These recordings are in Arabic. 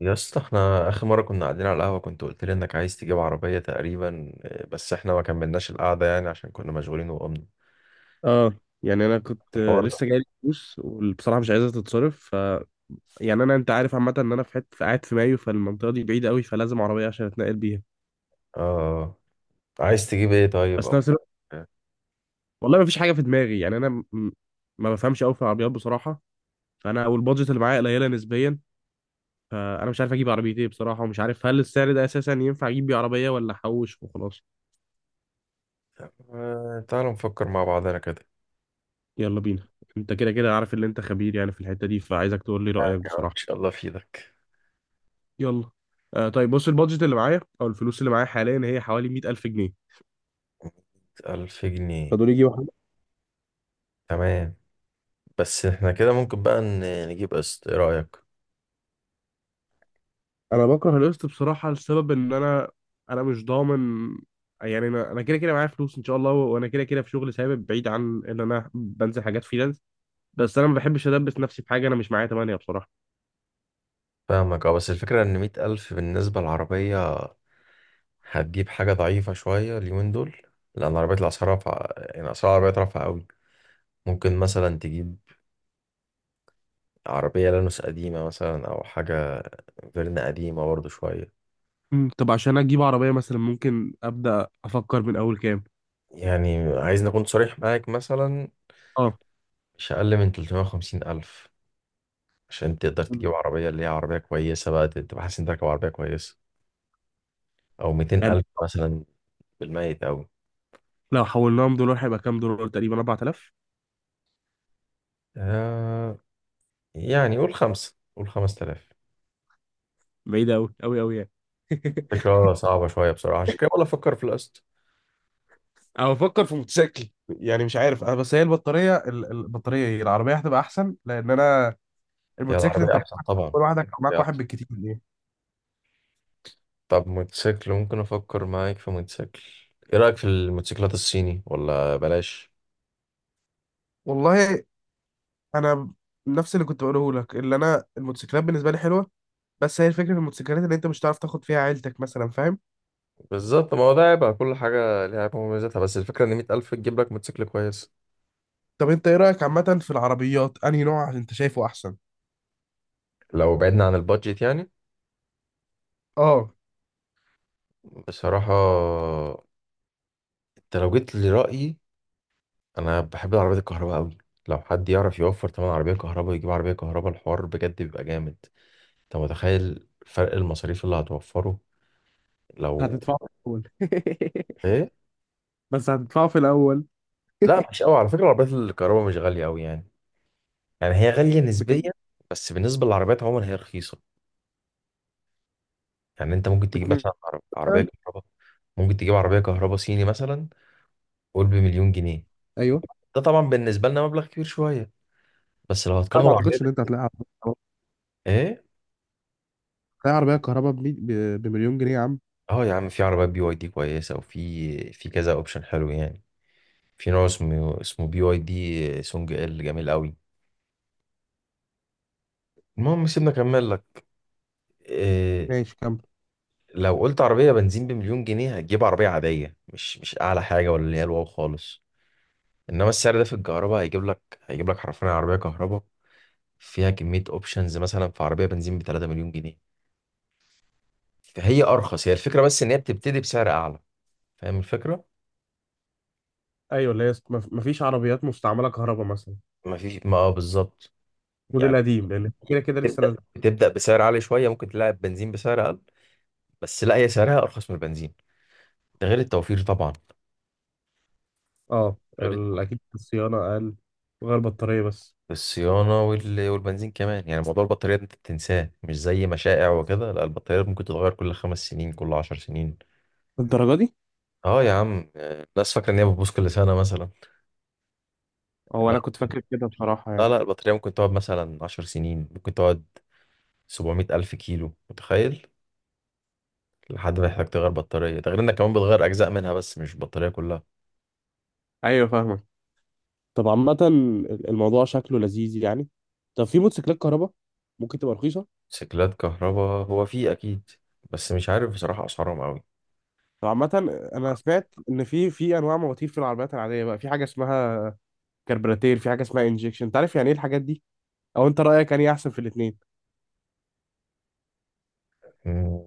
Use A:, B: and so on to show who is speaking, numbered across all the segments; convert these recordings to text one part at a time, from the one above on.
A: يا اسطى، احنا اخر مره كنا قاعدين على القهوه كنت قلت لي انك عايز تجيب عربيه تقريبا، بس احنا ما كملناش القعده يعني عشان كنا مشغولين وقمنا
B: اه. يعني انا كنت
A: الحوار ده.
B: لسه جاي لي فلوس، وبصراحه مش عايزها تتصرف. ف انا، انت عارف عامه، ان انا في حته قاعد في مايو، فالمنطقه دي بعيده قوي، فلازم عربيه عشان اتنقل بيها.
A: اه، عايز تجيب ايه طيب
B: بس
A: او
B: نفس الوقت، والله ما فيش حاجه في دماغي. ما بفهمش قوي في العربيات بصراحه. فانا والبادجت اللي معايا قليله نسبيا، فانا مش عارف اجيب عربيه ايه بصراحه، ومش عارف هل السعر ده اساسا ينفع اجيب بيه عربيه ولا احوش وخلاص.
A: آه، تعالوا نفكر مع بعضنا كده.
B: يلا بينا. انت كده كده عارف ان انت خبير في الحته دي، فعايزك تقول لي
A: يعني
B: رايك
A: ان
B: بصراحه.
A: شاء الله في ايدك.
B: يلا. آه طيب، بص، البادجت اللي معايا او الفلوس اللي معايا حاليا هي حوالي 100,000 جنيه.
A: ألف جنيه.
B: فدول يجي واحد.
A: تمام. بس احنا كده ممكن بقى نجيب قسط، ايه رأيك؟
B: انا بكره القسط بصراحه، لسبب ان انا مش ضامن. يعني انا كده كده معايا فلوس ان شاء الله، وانا كده كده في شغل ثابت، بعيد عن ان انا بنزل حاجات فريلانس. بس انا ما بحبش ادبس نفسي بحاجه انا مش معايا تمانية بصراحه.
A: فاهمك اه، بس الفكرة ان 100 ألف بالنسبة للعربية هتجيب حاجة ضعيفة شوية اليومين دول، لأن عربية الأسعار رافعة، يعني أسعار العربيات رافعة أوي. ممكن مثلا تجيب عربية لانوس قديمة مثلا، أو حاجة فيرنا قديمة برضه شوية.
B: طب عشان اجيب عربيه مثلا، ممكن ابدا افكر من اول كام؟
A: يعني عايزني أكون صريح معاك؟ مثلا
B: اه.
A: مش أقل من 350 ألف عشان تقدر تجيب
B: مم.
A: عربية اللي هي عربية كويسة بقى، تبقى حاسس إنك راكب عربية كويسة. أو 200
B: يعني
A: ألف مثلا، بالميت أوي.
B: لو حولناهم دولار هيبقى كام دولار؟ تقريبا 4,000.
A: آه، يعني قول خمسة، قول 5000.
B: بعيده قوي قوي قوي يعني.
A: فكرة صعبة شوية بصراحة، عشان كده ولا أفكر في القسط.
B: انا بفكر في موتوسيكل. يعني مش عارف انا، بس هي البطاريه البطاريه، ايه؟ العربيه هتبقى احسن، لان انا
A: هي
B: الموتوسيكل
A: العربية
B: انت
A: أحسن طبعا.
B: كل واحدك او معاك
A: يا
B: واحد
A: أخي.
B: بالكتير، ايه؟
A: طب موتوسيكل، ممكن أفكر معاك في موتوسيكل. إيه رأيك في الموتوسيكلات الصيني ولا بلاش؟
B: والله انا نفس اللي كنت بقوله لك، اللي انا الموتوسيكلات بالنسبه لي حلوه، بس هي الفكره في الموتوسيكلات اللي انت مش هتعرف تاخد فيها عيلتك مثلا، فاهم؟
A: بالظبط، ما هو ده هيبقى كل حاجة ليها عيبها ومميزاتها، بس الفكرة إن 100 ألف تجيب لك موتوسيكل كويس.
B: طب انت ايه رايك عامه في العربيات؟ انهي نوع انت شايفه احسن؟
A: لو بعدنا عن البادجت يعني،
B: اه.
A: بصراحة أنت لو جيت لرأيي، أنا بحب العربيات الكهرباء أوي. لو حد يعرف يوفر تمن عربية كهرباء ويجيب عربية كهرباء الحوار بجد بيبقى جامد. أنت متخيل فرق المصاريف اللي هتوفره؟ لو
B: هتدفعه في الاول.
A: إيه؟
B: بس هتدفعه في الاول.
A: لا مش قوي، على فكرة العربيات الكهرباء مش غالية أوي يعني. يعني هي غالية نسبيا،
B: بكام؟
A: بس بالنسبة للعربيات عموما هي رخيصة. يعني أنت ممكن تجيب
B: باتنين
A: مثلا عربية
B: مثلاً؟
A: كهرباء. ممكن تجيب عربية كهرباء صيني مثلا، قول بمليون جنيه.
B: ايوه.
A: ده طبعا بالنسبه لنا مبلغ كبير شويه، بس لو
B: لا،
A: هتقارنه
B: ما
A: بعربيه.
B: اعتقدش ان انت هتلاقيها.
A: ايه.
B: تلاقي عربية كهرباء بمليون جنيه يا عم؟
A: اه يا عم، في عربيات بي واي دي كويسه، وفي في كذا اوبشن حلو يعني. في نوع اسمه اسمه بي واي دي سونج ال، جميل قوي. المهم سيبنا اكمل لك. إيه.
B: ماشي، كمل.
A: لو قلت عربيه بنزين بمليون جنيه هتجيب عربيه عاديه، مش اعلى حاجه، ولا اللي هي الواو خالص. انما السعر ده في الكهرباء هيجيب لك حرفيا عربيه كهرباء، فيها كميه اوبشنز. مثلا في عربيه بنزين ب 3 مليون جنيه، فهي ارخص، هي الفكره بس ان هي بتبتدي بسعر اعلى. فاهم الفكرة؟
B: ايوه، اللي هي است- مف- مفيش عربيات مستعمله كهرباء مثلا،
A: ما فيش، ما اه، بالظبط. يعني
B: موديل قديم، لان كده كده لسه
A: بتبدأ
B: نازل.
A: بتبدأ بسعر عالي شوية، ممكن تلاقي بنزين بسعر أقل، بس لا هي سعرها أرخص من البنزين. ده غير التوفير طبعا. غير
B: اكيد
A: التوفير
B: الصيانه اقل. وغير بطاريه بس.
A: في الصيانة والبنزين كمان. يعني موضوع البطارية ده أنت تنساه، مش زي مشائع وكده. لا البطارية ممكن تتغير كل 5 سنين، كل 10 سنين.
B: الدرجة دي؟
A: اه يا عم، الناس فاكرة إن هي بتبوظ كل سنة مثلا.
B: هو
A: لا
B: أنا كنت فاكر كده بصراحة
A: لا، لا
B: يعني.
A: البطارية ممكن تقعد مثلا 10 سنين، ممكن تقعد 700 ألف كيلو، متخيل؟ لحد ما يحتاج تغير بطارية. ده غير انك كمان بتغير اجزاء منها بس مش البطارية كلها.
B: أيوة فاهمك. طب عامة، الموضوع شكله لذيذ يعني. طب في موتوسيكلات كهرباء ممكن تبقى رخيصة؟
A: موتوسيكلات كهرباء هو في اكيد، بس مش عارف بصراحة اسعارهم قوي.
B: طب عامة، أنا سمعت إن في أنواع مواتير في العربيات العادية بقى، في حاجة اسمها كربراتير، في حاجة اسمها انجكشن، أنت عارف يعني إيه الحاجات دي؟ أو أنت رأيك أنهي أحسن في الاتنين؟
A: مم.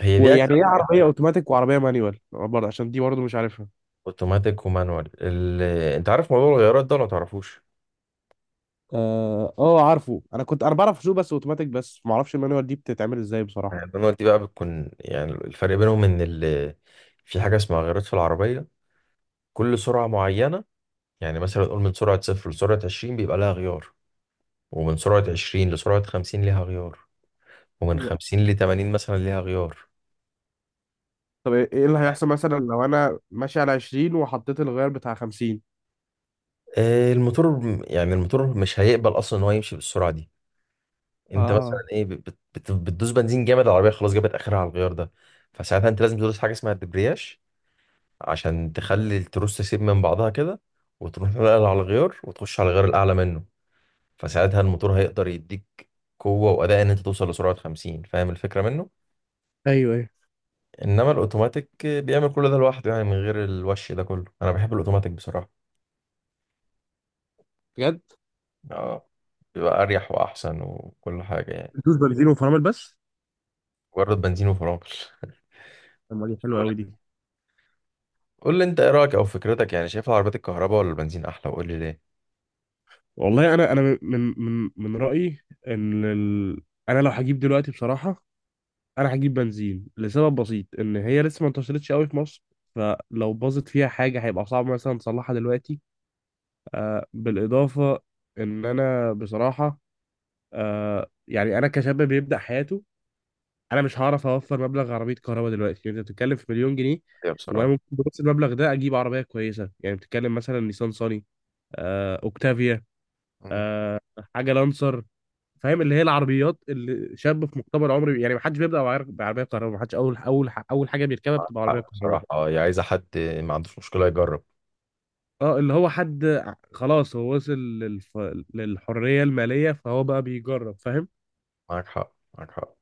A: هي دي
B: ويعني ايه
A: اجزاء.
B: عربيه اوتوماتيك وعربيه مانيوال؟ برضه عشان دي برضه مش عارفها.
A: اوتوماتيك ومانوال ال... انت عارف موضوع الغيارات ده ولا متعرفوش؟
B: اه. آه، عارفه. انا كنت انا بعرف اسوق بس اوتوماتيك، بس ما اعرفش المانيوال دي بتتعمل ازاي بصراحه.
A: يعني المانوال دي بقى بتكون، يعني الفرق بينهم ان ال... في حاجة اسمها غيارات في العربية. كل سرعة معينة، يعني مثلا نقول من سرعة 0 لسرعة 20 بيبقى لها غيار، ومن سرعة 20 لسرعة 50 ليها غيار، ومن 50 لتمانين مثلا ليها غيار.
B: طب ايه، إيه اللي هيحصل مثلا لو انا ماشي على 20 وحطيت الغير بتاع 50؟
A: آه، الموتور، يعني الموتور مش هيقبل اصلا ان هو يمشي بالسرعه دي. انت مثلا
B: اه.
A: ايه، بتدوس بنزين جامد، العربيه خلاص جابت اخرها على الغيار ده. فساعتها انت لازم تدوس حاجه اسمها الدبرياج، عشان تخلي التروس تسيب من بعضها كده، وتروح نقل على الغيار وتخش على الغيار الاعلى منه. فساعتها الموتور هيقدر يديك قوه واداء ان انت توصل لسرعه 50. فاهم الفكره منه؟
B: ايوه ايوه.
A: انما الاوتوماتيك بيعمل كل ده لوحده، يعني من غير الوش ده كله. انا بحب الاوتوماتيك بصراحه.
B: بجد؟
A: اه، بيبقى اريح واحسن وكل حاجه يعني.
B: بتدوس بنزين وفرامل بس؟
A: مجرد بنزين وفرامل.
B: طب ما دي حلوه قوي دي.
A: قول لي انت ايه رايك او فكرتك، يعني شايف العربيات الكهرباء ولا البنزين احلى، وقول لي ليه.
B: والله انا، انا من رايي ان ال... انا لو هجيب دلوقتي بصراحه، انا هجيب بنزين لسبب بسيط، ان هي لسه ما انتشرتش قوي في مصر، فلو باظت فيها حاجه هيبقى صعب مثلا تصلحها دلوقتي. آه بالاضافه ان انا بصراحه، انا كشاب بيبدا حياته انا مش هعرف اوفر مبلغ عربيه كهرباء دلوقتي، يعني انت بتتكلم في مليون جنيه،
A: يا
B: وانا
A: بصراحه.
B: ممكن بنفس المبلغ ده اجيب عربيه كويسه. يعني بتتكلم مثلا نيسان صاني، آه، اوكتافيا،
A: مم.
B: آه، حاجه لانسر. فاهم؟ اللي هي العربيات اللي شاب في مقتبل عمري، يعني ما حدش بيبدا بعربيه كهرباء. ما حدش اول اول اول حاجه بيركبها
A: معاك
B: بتبقى عربيه
A: حق
B: كهرباء.
A: بصراحه، اه، هي عايزه حد ما عندوش مشكله يجرب.
B: اه، اللي هو حد ع- خلاص، هو وصل للحريه الماليه، فهو بقى بيجرب، فاهم؟
A: معاك حق، معاك حق.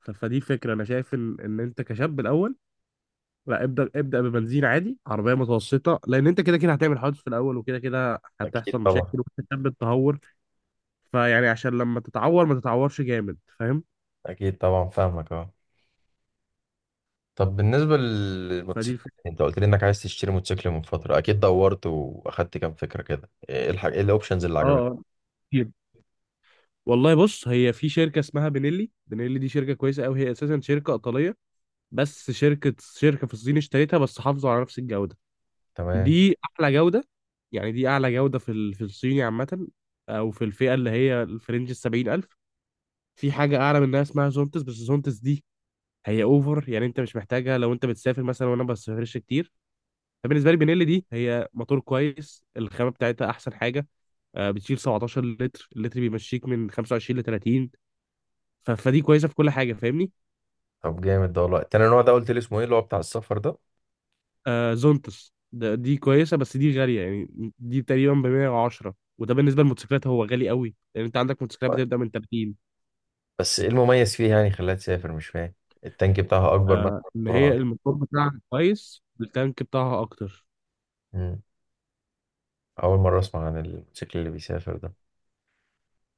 B: فدي فكره. انا شايف ان انت كشاب الاول، لا، ابدا ابدا، ببنزين عادي، عربيه متوسطه، لان انت كده كده هتعمل حوادث في الاول، وكده كده
A: اكيد
B: هتحصل مشاكل
A: طبعا.
B: وانت شاب، التهور. فيعني عشان لما تتعور ما تتعورش جامد، فاهم؟
A: اكيد طبعا فاهمك اه. طب بالنسبه
B: فدي
A: للموتوسيكلات،
B: الفكره.
A: انت قلت لي انك عايز تشتري موتوسيكل من فتره، اكيد دورت واخدت كام فكره كده، ايه الحاجه، ايه الاوبشنز اللي
B: اه
A: عجبتك؟
B: اه. والله بص، هي في شركة اسمها بنيلي. بنيلي دي شركة كويسة أوي، هي أساسا شركة إيطالية، بس شركة في الصين اشتريتها، بس حافظوا على نفس الجودة.
A: تمام.
B: دي أعلى جودة، يعني دي أعلى جودة في الصيني عامة، أو في الفئة اللي هي الفرنج السبعين ألف. في حاجة أعلى منها اسمها زونتس، بس زونتس دي هي أوفر، يعني أنت مش محتاجها لو أنت بتسافر مثلا، وأنا ما بسافرش كتير. فبالنسبة لي بنيلي دي هي موتور كويس، الخامة بتاعتها أحسن حاجة. آه، بتشيل 17 لتر، اللتر بيمشيك من 25 ل 30. فدي كويسه في كل حاجه، فاهمني؟
A: طب جامد ده والله. تاني نوع ده قلت لي اسمه ايه، اللي هو بتاع السفر ده؟
B: آه، زونتس ده، دي كويسه بس دي غاليه يعني. دي تقريبا ب 110، وده بالنسبه للموتوسيكلات هو غالي قوي، لان انت عندك موتوسيكلات بتبدا من 30.
A: بس ايه المميز فيه يعني خلاها تسافر؟ مش فاهم، التانك بتاعها اكبر
B: آه،
A: مثلا
B: ان هي
A: طرها؟
B: الموتور بتاعها كويس، التانك بتاعها اكتر.
A: مم. أول مرة أسمع عن الموتوسيكل اللي بيسافر ده.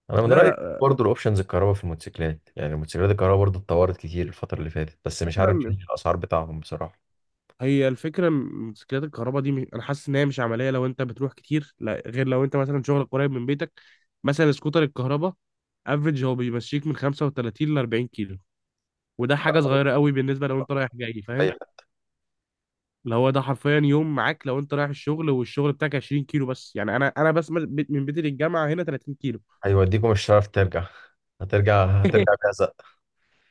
A: أنا من
B: لا
A: رأيي،
B: لا.
A: برضه الأوبشنز الكهرباء في الموتوسيكلات، يعني الموتوسيكلات الكهرباء برضه اتطورت كتير الفترة اللي فاتت، بس مش عارف إيه
B: فكرة-
A: الأسعار بتاعهم بصراحة.
B: هي الفكره م- موتوسيكلات الكهرباء دي مش... انا حاسس ان هي مش عمليه لو انت بتروح كتير، لا غير لو انت مثلا شغلك قريب من بيتك. مثلا سكوتر الكهرباء افريج هو بيمشيك من 35 ل 40 كيلو، وده حاجه صغيره قوي بالنسبه لو انت رايح جاي،
A: أي
B: فاهم؟
A: حد.
B: اللي هو ده حرفيا يوم معاك لو انت رايح الشغل والشغل بتاعك 20 كيلو بس. يعني انا، من بيتي للجامعه هنا 30 كيلو.
A: هيوديكم مش هتعرف ترجع، هترجع هترجع بهزق.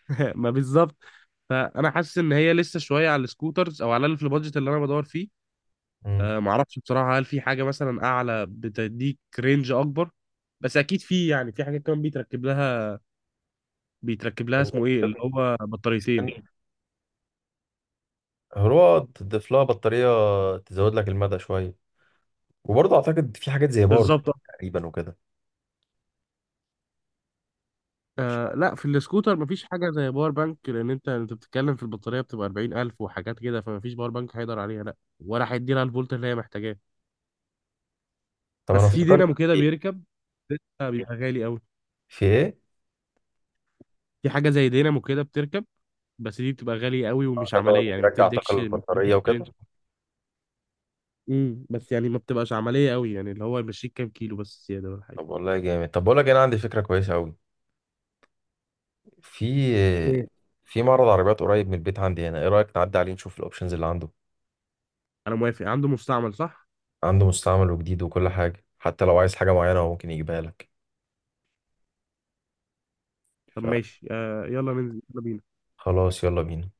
B: ما بالظبط. فانا حاسس ان هي لسه شويه على السكوترز، او على الاقل في البادجت اللي انا بدور فيه.
A: مم.
B: أه ما اعرفش بصراحه، هل في حاجه مثلا اعلى بتديك رينج اكبر؟ بس اكيد في. يعني في حاجات كمان بيتركب لها، بيتركب لها اسمه ايه، اللي هو بطاريتين.
A: هو تضيف لها بطارية تزود لك المدى شوية. وبرضه أعتقد في حاجات زي باور بانك
B: بالظبط.
A: تقريبا وكده. مش
B: آه
A: عارف.
B: لا، في السكوتر مفيش حاجة زي باور بانك، لأن أنت بتتكلم في البطارية بتبقى 40,000 وحاجات كده، فمفيش باور بانك هيقدر عليها، لا ولا هيديلها الفولت اللي هي محتاجاه.
A: طب أنا
B: بس في
A: افتكرت في
B: دينامو كده
A: إيه؟
B: بيركب، ده بيبقى غالي قوي.
A: في إيه؟
B: في حاجة زي دينامو كده بتركب، بس دي بتبقى غالية قوي
A: آه،
B: ومش
A: ده اللي
B: عملية
A: هو
B: يعني، ما
A: بيرجع طاقة
B: بتديكش ما
A: للبطارية
B: بتديكش
A: وكده.
B: رينج. بس يعني ما بتبقاش عملية قوي، يعني اللي هو يمشيك كام كيلو بس زيادة ولا حاجة.
A: طب والله جامد، طب بقول لك أنا عندي فكرة كويسة أوي، في
B: ايه؟
A: في معرض عربيات قريب من البيت عندي هنا، ايه رأيك نعدي عليه نشوف الاوبشنز اللي عنده؟
B: انا موافق. عنده مستعمل، صح؟
A: عنده مستعمل وجديد وكل حاجة، حتى لو عايز حاجة معينة هو ممكن يجيبها لك.
B: طب ماشي، آه، يلا ننزل، يلا بينا.
A: فخلاص يلا بينا.